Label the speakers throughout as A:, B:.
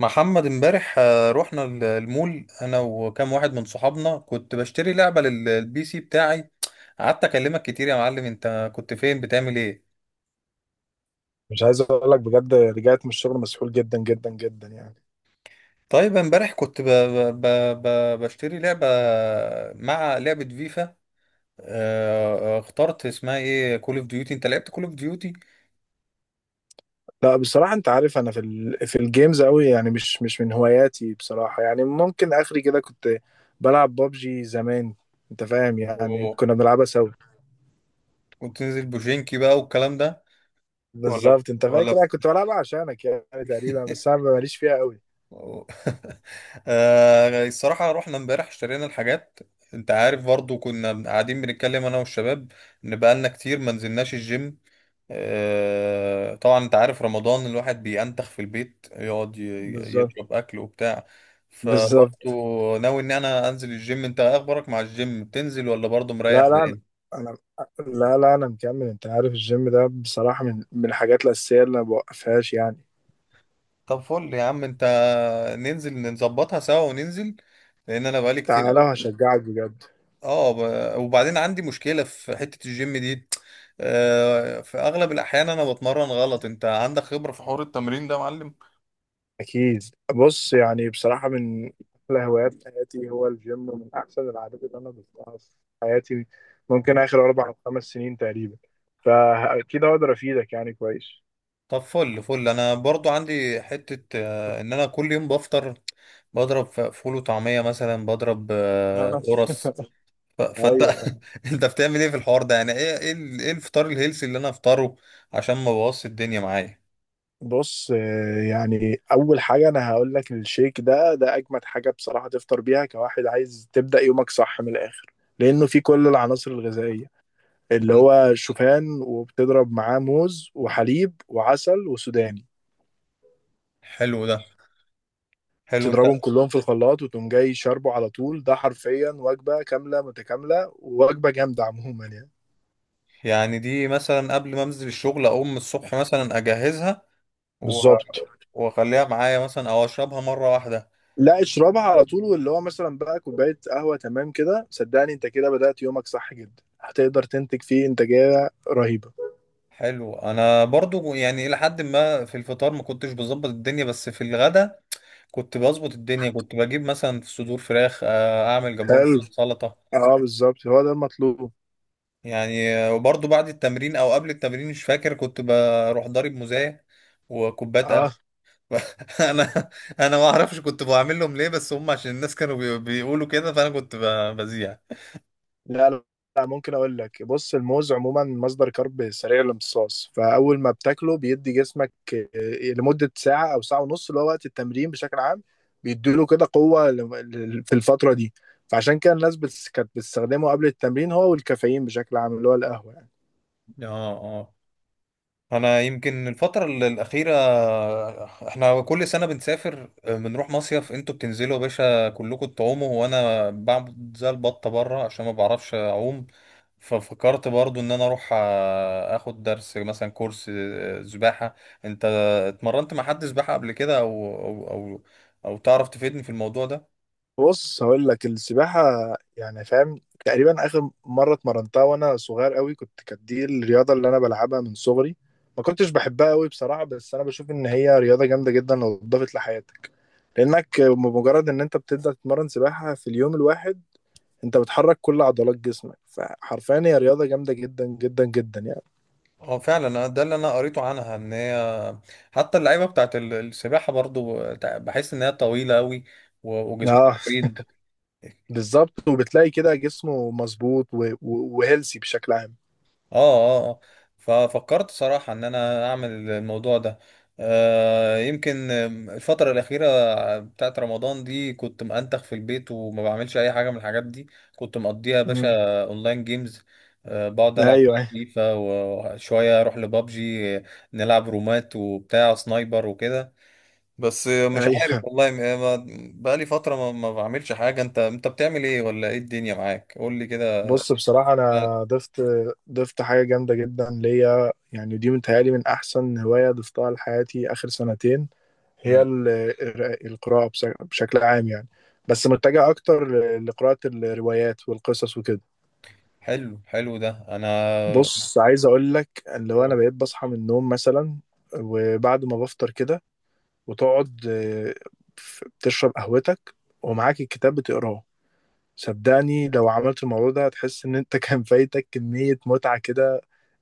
A: محمد امبارح، رحنا المول انا وكام واحد من صحابنا. كنت بشتري لعبة للبي سي بتاعي. قعدت اكلمك كتير يا معلم، انت كنت فين بتعمل ايه؟
B: مش عايز اقول لك بجد، رجعت من الشغل مسحول جدا جدا جدا يعني.
A: طيب امبارح كنت بشتري لعبة مع لعبة فيفا. اخترت اسمها ايه؟ كول اوف ديوتي. انت لعبت كول اوف ديوتي
B: لا بصراحه انت عارف انا في الجيمز قوي، يعني مش من هواياتي بصراحه، يعني ممكن اخري كده كنت بلعب بابجي زمان. انت فاهم، يعني
A: وكنت
B: كنا بنلعبها سوا.
A: تنزل بوجينكي بقى والكلام ده؟ ولا
B: بالظبط، انت
A: ولا.
B: فاكر انا كنت بلعبها عشانك يعني تقريبا، بس انا ماليش فيها قوي.
A: أو- الصراحة رحنا امبارح اشترينا الحاجات. انت عارف، برضو كنا قاعدين بنتكلم انا والشباب ان بقالنا كتير ما نزلناش الجيم. طبعا انت عارف رمضان الواحد بينتخ في البيت، يقعد
B: بالظبط
A: يضرب اكل وبتاع.
B: بالظبط.
A: فبرضو ناوي ان انا انزل الجيم. انت ايه اخبارك مع الجيم؟ بتنزل ولا برضو مريح
B: لا لا
A: بعدين؟
B: انا أنا- لا لا انا مكمل، انت عارف الجيم ده بصراحه من الحاجات الاساسيه اللي ما بوقفهاش يعني.
A: طب فل يا عم انت، ننزل نظبطها سوا وننزل، لان انا بقالي كتير
B: تعالى
A: قوي.
B: وهشجعك بجد.
A: اه، وبعدين عندي مشكلة في حتة الجيم دي. في اغلب الاحيان انا بتمرن غلط. انت عندك خبرة في حوار التمرين ده يا معلم؟
B: أكيد. بص يعني بصراحة، من أحلى هوايات حياتي هو الجيم، ومن أحسن العادات اللي أنا ضفتها في حياتي ممكن آخر 4 أو 5 سنين تقريبا، فأكيد هقدر أفيدك يعني كويس.
A: طب فل فل، انا برضو عندي حتة، ان انا كل يوم بفطر، بضرب فول وطعمية، مثلا بضرب قرص. فانت
B: أيوه.
A: انت بتعمل ايه في الحوار ده؟ يعني ايه إيه الفطار الهيلثي اللي انا افطره عشان ما بوظش الدنيا معايا؟
B: بص، يعني أول حاجة أنا هقول لك، الشيك ده أجمد حاجة بصراحة تفطر بيها كواحد عايز تبدأ يومك صح من الآخر، لأنه فيه كل العناصر الغذائية، اللي
A: م-
B: هو شوفان، وبتضرب معاه موز وحليب وعسل وسوداني.
A: حلو ده، حلو. انت
B: تضربهم كلهم في الخلاط وتقوم جاي شاربه على طول، ده حرفيا وجبة كاملة متكاملة، ووجبة جامدة عموما يعني.
A: يعني دي مثلا قبل ما انزل الشغل اقوم الصبح مثلا اجهزها و-
B: بالظبط.
A: واخليها معايا، مثلا او اشربها مره واحده؟
B: لا، اشربها على طول، واللي هو مثلا بقى كوباية قهوة تمام كده، صدقني انت كده بدأت يومك صح جدا، هتقدر تنتج فيه انتاجية رهيبة.
A: حلو. انا برضو يعني الى حد ما في الفطار ما كنتش بظبط الدنيا، بس في الغدا كنت بظبط الدنيا، كنت بجيب مثلا صدور فراخ، اعمل جنبهم
B: حلو.
A: شويه سلطه.
B: اه بالظبط، هو ده المطلوب.
A: يعني وبرضو بعد التمرين او قبل التمرين مش فاكر، كنت بروح ضارب موزاية وكوبايه قهوه.
B: اه.
A: انا انا ما اعرفش كنت بعمل لهم ليه، بس هم عشان الناس كانوا بيقولوا كده، فانا كنت بذيع.
B: لا لا، لا، ممكن اقول لك، بص الموز عموما مصدر كرب سريع الامتصاص، فاول ما بتاكله بيدي جسمك لمده ساعه او ساعه ونص، اللي هو وقت التمرين بشكل عام. بيديله كده قوه في الفتره دي. فعشان كده الناس كانت بتستخدمه قبل التمرين، هو والكافيين بشكل عام، اللي هو القهوه.
A: اه، اه، انا يمكن الفترة الأخيرة. احنا كل سنة بنسافر، بنروح مصيف. انتوا بتنزلوا يا باشا كلكم تعوموا، وانا بعمل زي البطة بره عشان ما بعرفش اعوم. ففكرت برضو ان انا اروح اخد درس، مثلا كورس سباحة. انت اتمرنت مع حد سباحة قبل كده، او تعرف تفيدني في الموضوع ده؟
B: بص هقول لك، السباحة يعني فاهم، تقريبا آخر مرة اتمرنتها وأنا صغير قوي، كانت دي الرياضة اللي أنا بلعبها من صغري. ما كنتش بحبها قوي بصراحة، بس أنا بشوف إن هي رياضة جامدة جدا لو اتضافت لحياتك، لأنك بمجرد إن أنت بتبدأ تتمرن سباحة في اليوم الواحد، أنت بتحرك كل عضلات جسمك، فحرفيا هي رياضة جامدة جدا جدا جدا يعني.
A: اه فعلا، أنا ده اللي انا قريته عنها، ان هي حتى اللعيبة بتاعت السباحة برضو، بحس ان هي طويلة قوي وجسمهم
B: اه
A: مريض. اه،
B: بالظبط، وبتلاقي كده جسمه مظبوط وهيلثي بشكل عام.
A: اه، اه. ففكرت صراحة ان انا اعمل الموضوع ده. يمكن الفترة الأخيرة بتاعت رمضان دي كنت مأنتخ في البيت وما بعملش أي حاجة من الحاجات دي. كنت مقضيها يا
B: مم.
A: باشا أونلاين جيمز. بقعد ألعب بقى
B: ايوه
A: فيفا وشوية أروح لبابجي، نلعب رومات وبتاع سنايبر وكده. بس مش عارف
B: ايوه.
A: والله، بقالي فترة ما بعملش حاجة. أنت بتعمل إيه؟ ولا إيه الدنيا معاك؟ قول لي كده.
B: بص بصراحة، أنا ضفت حاجة جامدة جدا ليا، يعني دي متهيألي من أحسن هواية ضفتها لحياتي آخر سنتين. هي القراءة بشكل عام يعني، بس متجه أكتر لقراءة الروايات والقصص وكده.
A: حلو، حلو ده. انا
B: بص عايز أقول لك، اللي هو أنا بقيت بصحى من النوم مثلا، وبعد ما بفطر كده وتقعد، بتشرب قهوتك ومعاك الكتاب بتقراه. صدقني لو عملت الموضوع ده هتحس إن أنت كان فايتك كمية متعة كده.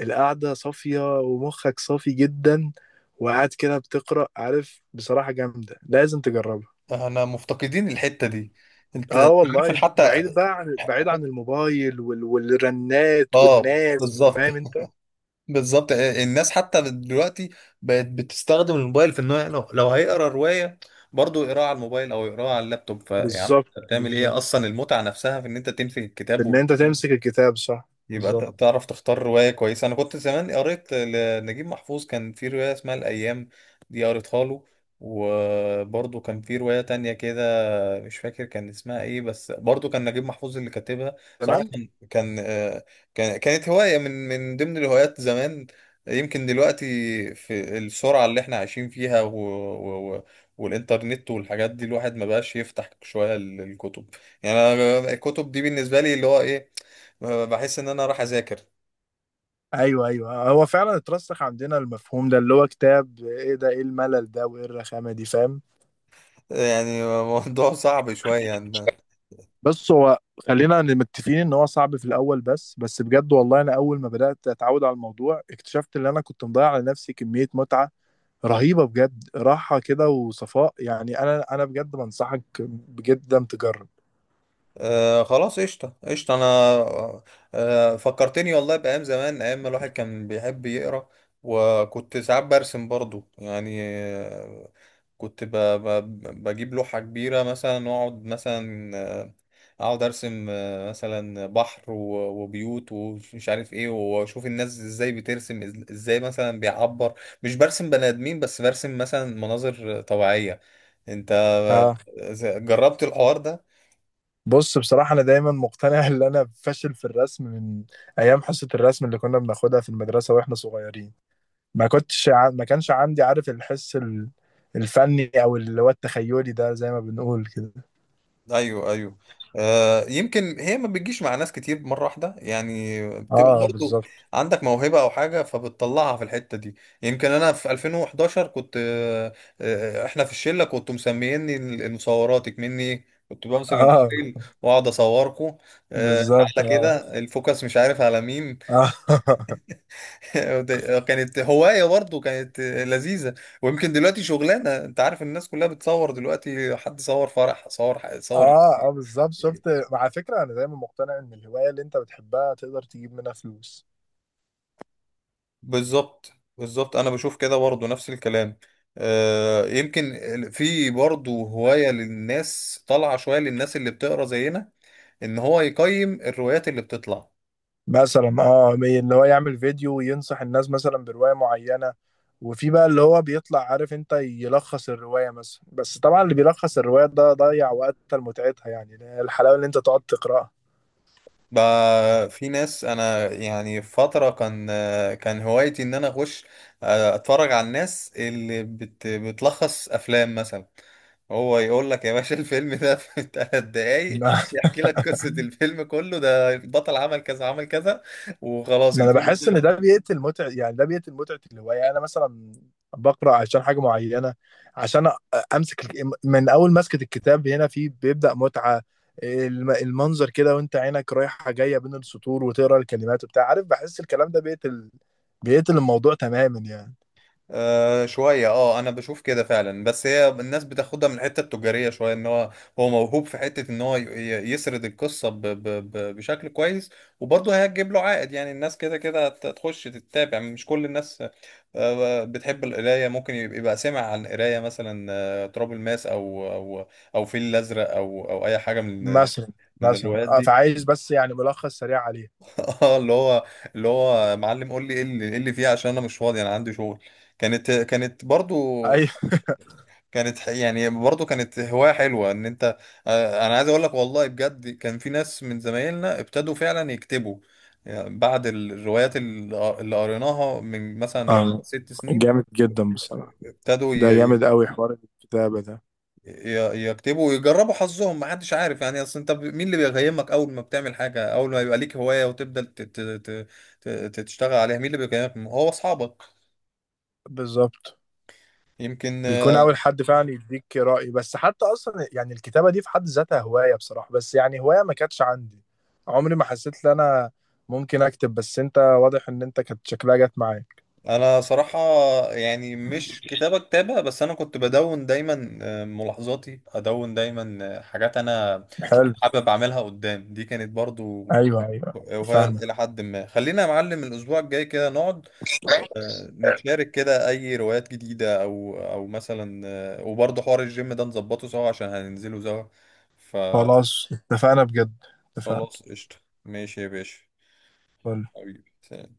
B: القعدة صافية ومخك صافي جدا، وقاعد كده بتقرأ، عارف بصراحة جامدة لازم تجربها.
A: انا مفتقدين الحتة دي. انت
B: اه
A: عارف
B: والله،
A: حتى؟
B: بعيد عن الموبايل والرنات
A: اه
B: والناس،
A: بالظبط.
B: وفاهم انت.
A: بالظبط، الناس حتى دلوقتي بقت بتستخدم الموبايل في انه، لو هيقرا رواية برضه يقراها على الموبايل، او يقراها على اللابتوب. فيا عم
B: بالظبط
A: انت بتعمل
B: بالظبط،
A: ايه؟ اصلا المتعة نفسها في ان انت تنفي
B: ان
A: الكتاب،
B: انت تمسك الكتاب صح.
A: ويبقى
B: بالظبط.
A: تعرف تختار رواية كويسة. انا كنت زمان قريت لنجيب محفوظ، كان في رواية اسمها الايام، دي قريتها له. وبرضه كان في رواية تانية كده، مش فاكر كان اسمها ايه، بس برضو كان نجيب محفوظ اللي كاتبها. صراحة
B: تمام.
A: كانت هواية من ضمن الهوايات زمان. يمكن دلوقتي في السرعة اللي احنا عايشين فيها والإنترنت والحاجات دي، الواحد ما بقاش يفتح شوية الكتب. يعني أنا الكتب دي بالنسبة لي اللي هو ايه، بحس ان انا راح اذاكر.
B: ايوه ايوه، هو فعلا اترسخ عندنا المفهوم ده، اللي هو كتاب ايه ده، ايه الملل ده، وايه الرخامة دي، فاهم؟
A: يعني موضوع صعب شوية يعني.
B: بس هو خلينا متفقين ان هو صعب في الاول، بس بجد والله، انا اول ما بدات اتعود على الموضوع، اكتشفت ان انا كنت مضيع على نفسي كميه متعه رهيبه بجد، راحه كده وصفاء يعني. انا بجد بنصحك بجدا تجرب.
A: خلاص قشطة، قشطة. أنا فكرتني والله بأيام زمان، أيام ما الواحد كان بيحب يقرأ. وكنت ساعات برسم برضو، يعني كنت ب ب بجيب لوحة كبيرة مثلا وأقعد مثلا، آه، أقعد أرسم، مثلا بحر وبيوت ومش عارف إيه. وأشوف الناس إزاي بترسم، إزاي مثلا بيعبر. مش برسم بني آدمين بس، برسم مثلا مناظر طبيعية. أنت
B: آه.
A: جربت الحوار ده؟
B: بص بصراحه، انا دايما مقتنع ان انا فاشل في الرسم من ايام حصه الرسم اللي كنا بناخدها في المدرسه واحنا صغيرين. ما كنتش ع... ما كانش عندي، عارف، الحس الفني، او اللي هو التخيلي ده زي ما بنقول كده.
A: ايوه، ايوه. يمكن هي ما بتجيش مع ناس كتير مره واحده، يعني بتبقى
B: اه
A: برضو
B: بالظبط.
A: عندك موهبه او حاجه فبتطلعها في الحته دي. يمكن انا في 2011 كنت، احنا في الشله كنتوا مسميني المصوراتك، مني كنت بمسك
B: اه
A: الموبايل واقعد اصوركم.
B: بالظبط.
A: تعالى
B: اه
A: كده الفوكس مش عارف على مين.
B: اه.
A: كانت هوايه برضو، كانت لذيذه. ويمكن دلوقتي شغلانه، انت عارف الناس كلها بتصور دلوقتي، حد صور فرح، صور صور.
B: اه. بالظبط، شفت؟ على فكره انا دايما مقتنع ان الهوايه اللي انت بتحبها تقدر تجيب منها فلوس.
A: بالظبط، بالظبط. انا بشوف كده برضه، نفس الكلام. يمكن في برضه هواية للناس طالعة شوية، للناس اللي بتقرا زينا، ان هو يقيم الروايات اللي بتطلع.
B: مثلا اه، اللي هو يعمل فيديو وينصح الناس مثلا بروايه معينه، وفي بقى اللي هو بيطلع عارف انت يلخص الروايه مثلا، بس طبعا اللي بيلخص الروايه ده ضيع وقتها لمتعتها، يعني الحلاوه اللي انت تقعد تقراها.
A: بقى في ناس، انا يعني في فترة كان آه، كان هوايتي ان انا اخش، اتفرج على الناس اللي بتلخص افلام مثلا. هو يقول لك يا باشا الفيلم ده في 3 دقايق، يحكي لك قصة الفيلم كله، ده البطل عمل كذا عمل كذا، وخلاص
B: ما انا
A: الفيلم
B: بحس ان
A: كله.
B: ده بيقتل متعه، يعني ده بيقتل متعه الهوايه. انا مثلا بقرا عشان حاجه معينه، عشان امسك الك- من اول مسكه الكتاب هنا في بيبدا متعه، المنظر كده، وانت عينك رايحه جايه بين السطور وتقرا الكلمات وبتاع، عارف، بحس الكلام ده بيقتل الموضوع تماما يعني.
A: شوية اه، انا بشوف كده فعلا، بس هي الناس بتاخدها من الحتة التجارية شوية، ان هو موهوب في حتة ان هو يسرد القصة ب ب ب بشكل كويس، وبرضه هيجيب له عائد. يعني الناس كده كده هتخش تتابع، يعني مش كل الناس بتحب القراية. ممكن يبقى سمع عن القراية، مثلا تراب الماس، او فيل الازرق، او اي حاجة من
B: مثلا.
A: من الروايات دي.
B: فعايز بس يعني ملخص سريع عليه.
A: اه، اللي هو معلم قول لي ايه اللي فيها، عشان انا مش فاضي، انا عندي شغل. كانت برضو،
B: ايوه.
A: كانت يعني برضه كانت هواية حلوة ان انت، انا عايز اقول لك، والله بجد كان في ناس من زمايلنا ابتدوا فعلا يكتبوا. يعني بعد الروايات اللي قريناها من مثلا
B: آه،
A: 6 سنين،
B: جامد جدا بصراحه،
A: ابتدوا
B: ده جامد
A: ي-
B: قوي حوار الكتابه ده.
A: يكتبوا ويجربوا حظهم. ما حدش عارف يعني، اصل انت، مين اللي بيقيمك اول ما بتعمل حاجة، اول ما يبقى ليك هواية وتبدأ تشتغل عليها؟ مين اللي بيقيمك؟ هو اصحابك
B: بالظبط،
A: يمكن.
B: بيكون اول حد فعلا يديك رأي. بس حتى اصلا يعني الكتابة دي في حد ذاتها هواية بصراحة، بس يعني هواية ما كانتش عندي. عمري ما حسيت ان انا ممكن اكتب، بس انت واضح ان انت كانت شكلها جت معاك.
A: انا صراحة يعني مش كتابة كتابة، بس انا كنت بدون دايما، ملاحظاتي، ادون دايما حاجات انا
B: حلو.
A: حابب اعملها قدام. دي كانت برضو.
B: ايوه ايوه
A: وهي
B: فاهمك.
A: الى حد ما خلينا يا معلم الاسبوع الجاي كده نقعد، نتشارك كده اي روايات جديدة او مثلا، وبرضو حوار الجيم ده نظبطه سوا عشان هننزله سوا.
B: خلاص اتفقنا بجد.
A: فخلاص
B: اتفقنا.
A: قشطة، ماشي يا باشا، حبيبي سلام.